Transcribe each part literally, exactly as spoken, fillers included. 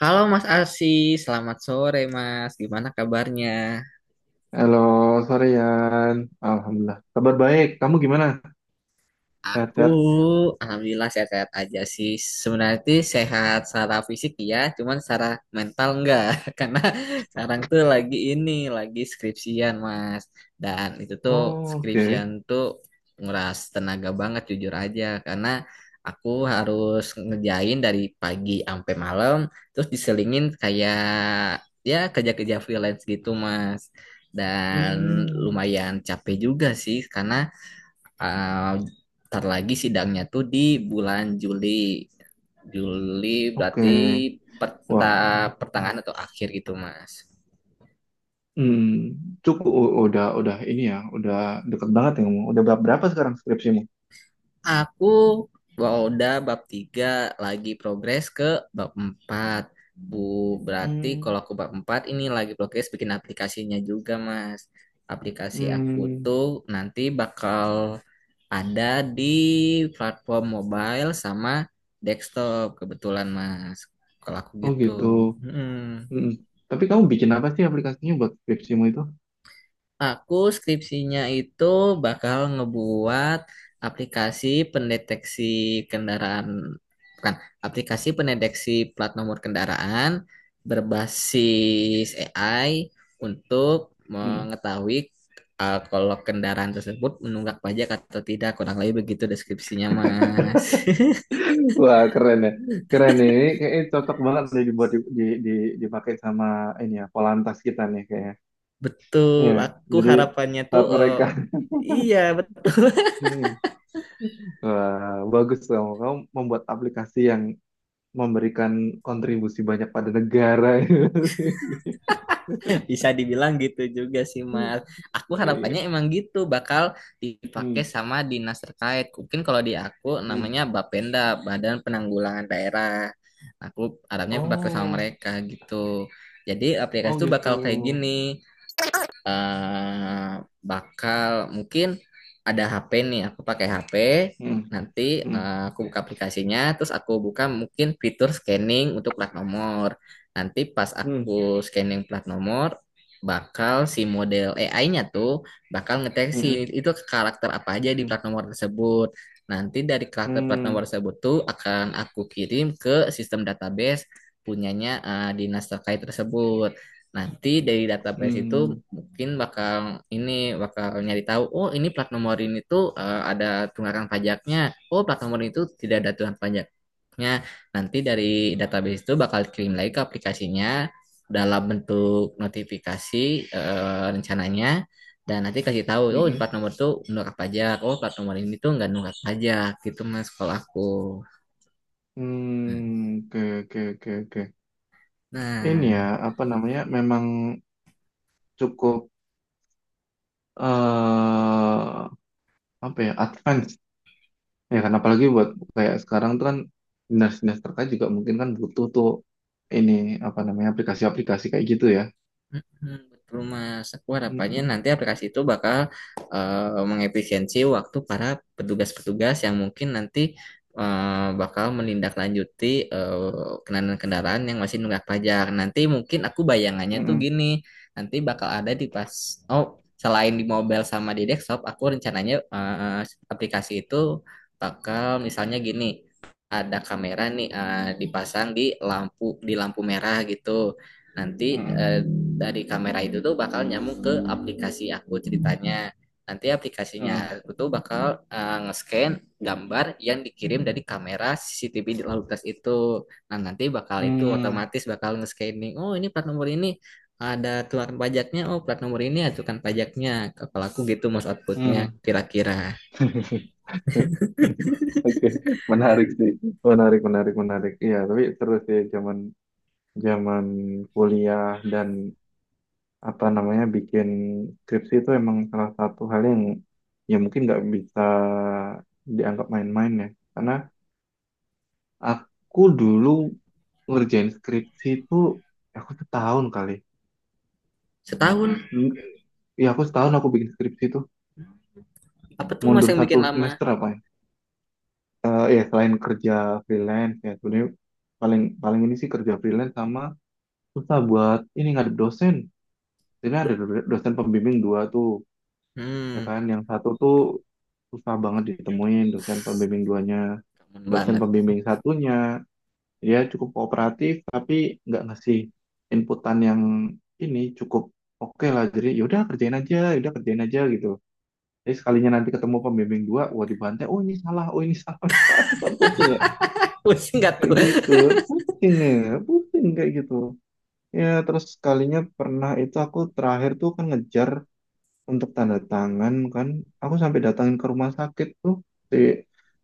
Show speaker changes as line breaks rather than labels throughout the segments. Halo Mas Arsi, selamat sore Mas. Gimana kabarnya?
Halo, sore Yan. Alhamdulillah. Kabar baik. Kamu gimana?
Aku
Sehat-sehat?
alhamdulillah sehat-sehat aja sih. Sebenarnya sih sehat secara fisik ya, cuman secara mental enggak. Karena sekarang tuh lagi ini, lagi skripsian, Mas. Dan itu tuh
Oh,
skripsian
oke.
tuh nguras tenaga banget jujur aja karena aku harus ngerjain dari pagi sampai malam terus diselingin kayak ya kerja-kerja freelance gitu, Mas. Dan
Hmm,
lumayan capek juga sih karena Ah, ntar lagi sidangnya tuh di bulan Juli. Juli
oke.
berarti per-
Wah,
entah pertengahan atau akhir gitu, Mas.
hmm, cukup u- udah udah ini ya, udah deket banget ya kamu. Udah berapa berapa sekarang skripsimu?
Aku udah bab tiga lagi progres ke bab empat Bu, berarti
Hmm,
kalau aku bab empat ini lagi progres bikin aplikasinya juga, Mas. Aplikasi aku
hmm.
tuh nanti bakal ada di platform mobile sama desktop kebetulan Mas. Kalau aku
Oh
gitu.
gitu.
mm
Hmm. Tapi kamu bikin apa sih aplikasinya buat skripsimu itu?
Aku skripsinya itu bakal ngebuat aplikasi pendeteksi kendaraan, bukan, aplikasi pendeteksi plat nomor kendaraan berbasis A I untuk
Hmm.
mengetahui uh, kalau kendaraan tersebut menunggak pajak atau tidak. Kurang lebih begitu deskripsinya, Mas.
Wah, keren ya. Keren nih. Ini kayaknya cocok banget nih dibuat di, di, di- dipakai sama ini ya, Polantas kita nih kayaknya.
Betul,
Iya,
aku
jadi
harapannya tuh
saat
eh,
mereka
iya betul.
Hmm. Wah, bagus kamu. Kamu membuat aplikasi yang memberikan kontribusi banyak pada negara.
Bisa dibilang gitu juga sih Mas. Aku
Iya.
harapannya emang gitu bakal dipakai
Hmm.
sama dinas terkait. Mungkin kalau di aku
Hmm.
namanya Bapenda, Badan Penanggulangan Daerah. Aku harapnya bakal
Oh,
sama mereka gitu. Jadi aplikasi
oh
itu
gitu.
bakal kayak gini. eh Bakal mungkin ada H P nih, aku pakai H P.
Hmm.
Nanti
Hmm.
eh, aku buka aplikasinya, terus aku buka mungkin fitur scanning untuk plat nomor. Nanti pas
Hmm.
aku scanning plat nomor, bakal si model A I-nya-nya tuh bakal ngeteksi
Hmm.
itu karakter apa aja di
Hmm.
plat nomor tersebut. Nanti dari karakter plat nomor
Hmm.
tersebut tuh akan aku kirim ke sistem database punyanya eh, dinas terkait tersebut. Nanti dari database itu
Hmm.
mungkin bakal ini bakal nyari tahu, oh ini plat nomor ini tuh eh, ada tunggakan pajaknya, oh plat nomor itu tidak ada tunggakan pajaknya. Nanti dari database itu bakal kirim lagi ke aplikasinya dalam bentuk notifikasi, eh, rencananya. Dan nanti kasih tahu
Hmm.
oh
Hmm.
plat nomor tuh nunggak pajak, oh plat nomor ini tuh nggak nunggak pajak gitu mas kalau aku. Hmm.
Hmm. Oke, oke, oke, oke. Ini ya,
Nah.
apa namanya? Memang cukup eh apa ya? Advance. Ya kan, apalagi buat kayak sekarang tuh kan dinas-dinas terkait juga mungkin kan butuh tuh ini, apa namanya, aplikasi-aplikasi kayak gitu ya.
Mhm, betul Mas, aku harapannya
Mm-mm,
nanti aplikasi itu bakal eh, mengefisiensi waktu para petugas-petugas yang mungkin nanti eh, bakal menindaklanjuti eh, kendaraan-kendaraan yang masih nunggak pajak. Nanti mungkin aku bayangannya tuh
mm-mm.
gini, nanti bakal ada di pas, oh selain di mobile sama di desktop, aku rencananya eh, aplikasi itu bakal misalnya gini, ada kamera nih eh, dipasang di lampu di lampu merah gitu. Nanti
Mm-mm,
eh, dari kamera itu tuh bakal nyambung ke aplikasi aku ceritanya. Nanti aplikasinya aku tuh bakal eh, nge-scan gambar yang dikirim dari kamera C C T V di lalu lintas itu. Nah, nanti bakal itu
mm-mm,
otomatis bakal nge-scanning. Oh, ini plat nomor ini ada keluaran pajaknya. Oh, plat nomor ini ajukan pajaknya. Kalau aku gitu mas
mm,
outputnya
mm.
kira-kira.
Oke, menarik sih. Menarik, menarik, menarik. Iya, tapi terus ya zaman zaman kuliah dan apa namanya bikin skripsi itu emang salah satu hal yang ya mungkin nggak bisa dianggap main-main ya. Karena aku dulu ngerjain skripsi itu ya aku setahun kali.
Setahun,
Ya aku setahun aku bikin skripsi itu,
apa tuh mas
mundur
yang
satu
bikin lama?
semester apa ya? Eh, ya selain kerja freelance ya sebenarnya paling paling ini sih, kerja freelance sama susah buat ini ngadep dosen. Jadi ada
Duh,
do- dosen pembimbing dua tuh, ya
hmm,
kan, yang satu tuh susah banget ditemuin, dosen pembimbing duanya.
kangen
Dosen
banget.
pembimbing satunya dia cukup kooperatif tapi nggak ngasih inputan yang ini, cukup oke lah, jadi yaudah kerjain aja, yaudah kerjain aja gitu. Jadi sekalinya nanti ketemu pembimbing dua, wah dibantai, oh ini salah, oh ini salah. Aduh, kan pusing ya
Pusing nggak
kayak
tuh?
gitu. Pusing ya, pusing kayak gitu ya. Terus sekalinya pernah itu, aku terakhir tuh kan ngejar untuk tanda tangan kan, aku sampai datangin ke rumah sakit tuh, si,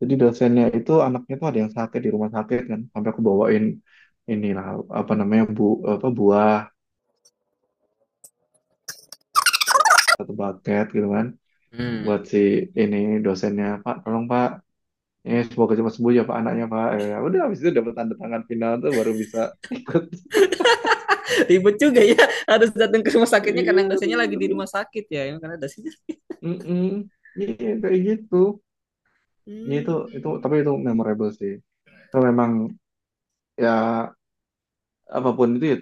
jadi dosennya itu anaknya tuh ada yang sakit di rumah sakit kan, sampai aku bawain inilah apa namanya, bu apa, buah, satu bucket gitu kan,
Hmm
buat si ini dosennya, Pak tolong Pak, ini semoga cepat sembuh ya Pak, anaknya Pak, ya ya udah, habis itu,
Datang ke rumah sakitnya karena
iya
yang dosennya
ribut,
lagi di
ribut.
rumah sakit ya emang karena dosen.
Mm-mm. Iya, kayak gitu. Iya, itu itu tapi
Hmm.
itu memorable sih. Tapi memang ya, apapun itu ya,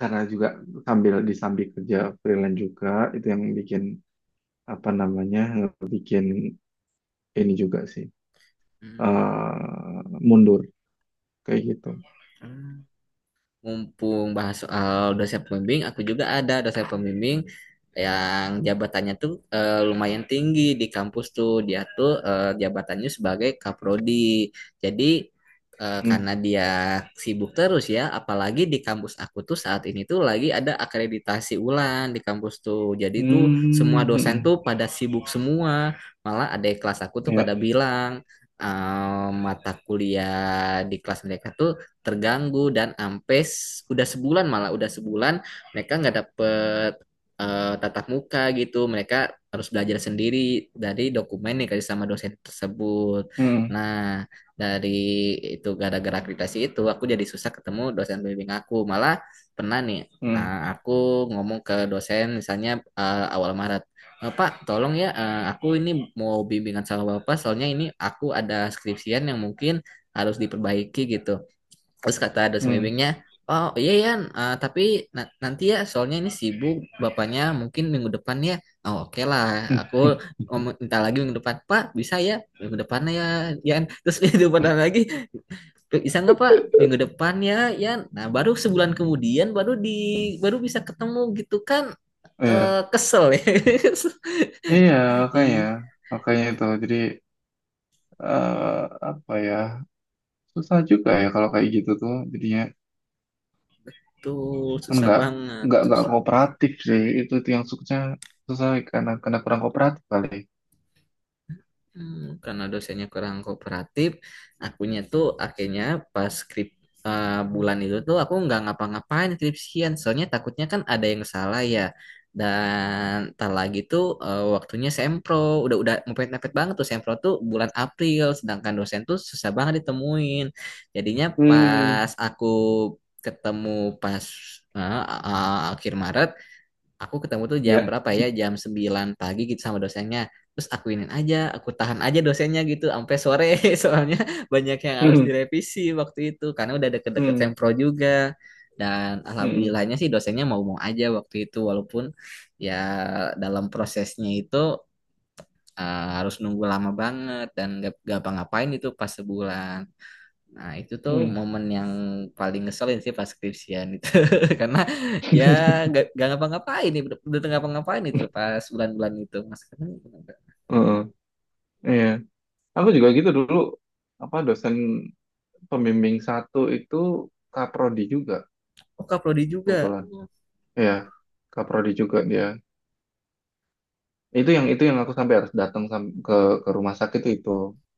karena juga sambil disambi kerja freelance juga, itu yang bikin apa namanya, bikin ini juga sih
Hmm,
eh mundur kayak gitu.
hmm. Mumpung bahas soal dosen pembimbing, aku juga ada dosen pembimbing yang jabatannya tuh eh, lumayan tinggi di kampus tuh. Dia tuh eh, jabatannya sebagai kaprodi. Jadi eh,
Hmm.
karena dia sibuk terus ya, apalagi di kampus aku tuh saat ini tuh lagi ada akreditasi ulang di kampus tuh. Jadi tuh semua
Hmm.
dosen
Hmm,
tuh pada sibuk semua. Malah ada kelas aku tuh
ya.
pada bilang eh, mata kuliah di kelas mereka tuh terganggu dan ampes udah sebulan malah udah sebulan mereka nggak dapet eh, tatap muka gitu mereka harus belajar sendiri dari dokumen yang dikasih sama dosen tersebut.
Hmm.
Nah, dari itu gara-gara akreditasi itu aku jadi susah ketemu dosen pembimbing aku malah pernah nih
Hmm.
eh, aku ngomong ke dosen misalnya eh, awal Maret, "Eh, Pak, tolong ya, eh, aku ini mau bimbingan sama Bapak, soalnya ini aku ada skripsian yang mungkin harus diperbaiki gitu." Terus kata dosen
Hmm.
bimbingnya, "Oh iya Yan, Eh, tapi na- nanti ya soalnya ini sibuk bapaknya mungkin minggu depan ya." Oh oke lah,
Hmm.
aku ngom- minta lagi minggu depan. "Pak, bisa ya minggu depannya ya Yan." Terus minggu depan lagi, "Bisa nggak Pak minggu depan ya Yan." Nah baru sebulan kemudian baru di baru bisa ketemu gitu kan.
Iya.
Eh, kesel ya.
Iya, makanya.
Ih,
Makanya itu. Jadi eh apa ya? Susah juga ya kalau kayak gitu tuh. Jadinya
tuh
kan
susah
nggak
banget.
nggak nggak
Susah.
kooperatif sih. Itu itu yang susah, susah karena karena kurang kooperatif kali.
Hmm, karena dosennya kurang kooperatif, akunya tuh akhirnya pas skrip eh, bulan itu tuh aku nggak ngapa-ngapain skripsian, soalnya takutnya kan ada yang salah ya. Dan tak lagi tuh eh, waktunya sempro, udah udah mepet-mepet banget tuh sempro tuh bulan April, sedangkan dosen tuh susah banget ditemuin. Jadinya
Hmm.
pas aku ketemu pas eh, eh, akhir Maret aku ketemu tuh jam
Ya,
berapa ya jam sembilan pagi gitu sama dosennya terus aku akuinin aja aku tahan aja dosennya gitu sampai sore soalnya banyak yang harus direvisi waktu itu karena udah deket-deket
hmm,
sempro juga dan
hmm,
alhamdulillahnya sih dosennya mau-mau aja waktu itu walaupun ya dalam prosesnya itu eh, harus nunggu lama banget dan gak, apa ngapain itu pas sebulan. Nah, itu tuh
hmm.
momen yang paling ngeselin sih pas skripsian itu. Karena ya gak, nggak ngapa-ngapain nih, udah tengah ngapa-ngapain itu pas bulan-bulan itu. Mas kan,
Heeh, iya. Aku juga gitu dulu, apa, dosen pembimbing satu itu kaprodi juga
oh Kak Prodi juga.
kebetulan.
Oh,
Iya, kaprodi juga dia. Itu yang itu yang aku sampai harus datang sam- ke ke rumah sakit itu.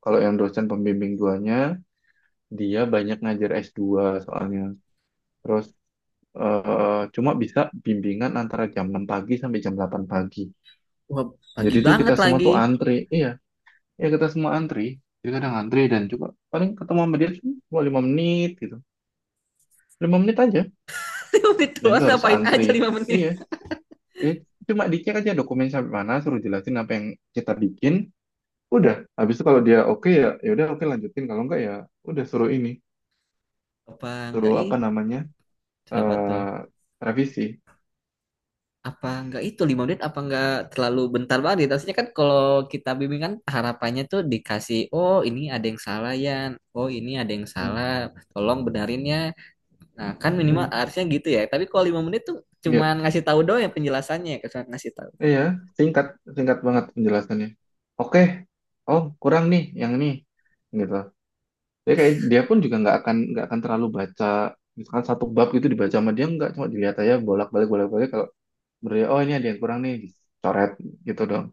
Kalau yang dosen pembimbing duanya, dia banyak ngajar s dua soalnya. Terus eh, cuma bisa bimbingan antara jam enam pagi sampai jam delapan pagi.
wah, pagi
Jadi tuh kita
banget
semua
lagi.
tuh antri. Iya, ya kita semua antri, jadi kadang antri, dan juga paling ketemu sama dia cuma lima menit gitu, lima menit aja,
Itu
dan itu harus
ngapain
antri.
aja lima
Iya
menit.
ya, cuma dicek aja dokumen sampai mana, suruh jelasin apa yang kita bikin, udah. Habis itu kalau dia oke, ya ya udah oke, lanjutin. Kalau enggak ya udah, suruh ini,
Apa nggak
suruh apa
itu
namanya,
apa tuh?
eh revisi.
Apa nggak itu lima menit apa nggak terlalu bentar banget gitu. Harusnya kan kalau kita bimbingan harapannya tuh dikasih, oh ini ada yang salah ya, oh ini ada yang
Hmm.
salah, tolong benerin ya. Nah, kan minimal
Hmm.
harusnya gitu ya. Tapi kalau lima menit tuh
Ya,
cuman ngasih tahu doang ya penjelasannya ya, cuman ngasih tahu.
iya, singkat, singkat banget penjelasannya, oke, oh kurang nih yang ini, gitu. Dia kayak, dia pun juga nggak akan nggak akan terlalu baca misalkan satu bab gitu, dibaca sama dia nggak, cuma dilihat aja bolak-balik bolak-balik Kalau menurut dia, oh ini ada yang kurang nih, dicoret gitu dong.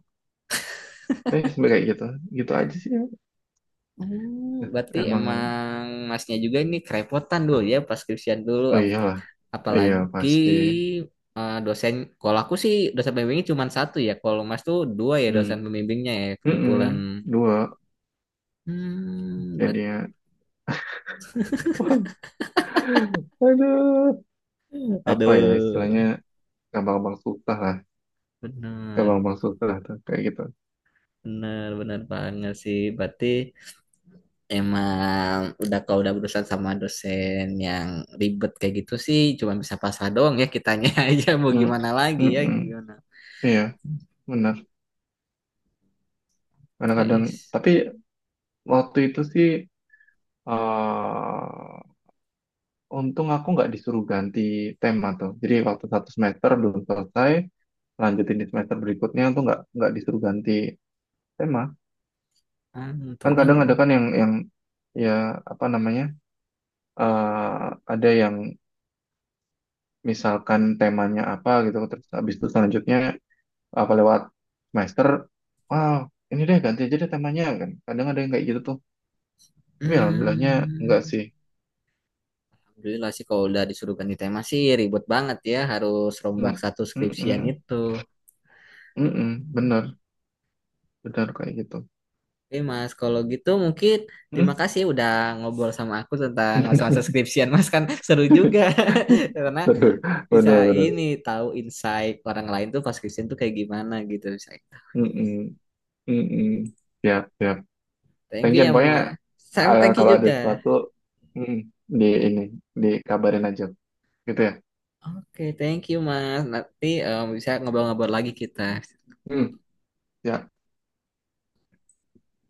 Eh sampai kayak gitu, gitu aja sih, ya.
Oh,
Nah,
berarti
emang.
emang masnya juga ini kerepotan dulu ya pas skripsian dulu
Oh
Ap-
iyalah, iya
apalagi
pasti.
eh, dosen kalau aku sih dosen pembimbingnya cuman satu ya. Kalau Mas tuh dua ya
Hmm.
dosen pembimbingnya ya kebetulan.
Mm-mm. Dua
Hmm, berarti
jadinya. Wah, aduh. Apa ya
aduh,
istilahnya, gampang-gampang susah lah.
benar,
Gampang-gampang susah lah tuh kayak gitu.
benar, benar banget sih. Berarti emang udah kalau udah berurusan sama dosen yang ribet kayak gitu sih cuma bisa pasrah doang ya kitanya aja mau
Mm.
gimana lagi ya
Mm-mm.
gimana.
Iya, benar. Kadang-kadang
Guys,
tapi waktu itu sih eh untung aku nggak disuruh ganti tema tuh. Jadi waktu satu semester belum selesai, lanjutin di semester berikutnya tuh nggak nggak disuruh ganti tema. Kan
tentunya
kadang ada kan yang yang ya apa namanya eh ada yang misalkan temanya apa gitu, terus habis itu selanjutnya apa lewat semester, wow ini deh ganti aja deh temanya kan. Kadang ada yang kayak gitu tuh. Tapi alhamdulillahnya enggak
hmm,
sih.
alhamdulillah sih kalau udah disuruh ganti tema sih ribet banget ya harus rombak
Mm,
satu
mm,
skripsian
mm,
itu.
mm, mm, bener, bener kayak gitu.
Oke Mas, kalau gitu mungkin terima
Mm.
kasih ya udah ngobrol sama aku tentang masa-masa skripsian Mas kan seru juga. Karena
Aduh,
bisa
benar-benar.
ini tahu insight orang lain tuh pas Christian tuh kayak gimana gitu bisa tahu.
Mm-mm, mm-mm. Ya, ya.
Thank
Thank
you
you.
ya
Pokoknya
mas. Sam
eh,
thank you
kalau ada
juga.
sesuatu, mm, di ini dikabarin aja, gitu ya.
Oke thank you mas nanti em, bisa ngobrol-ngobrol lagi kita.
Mm, ya.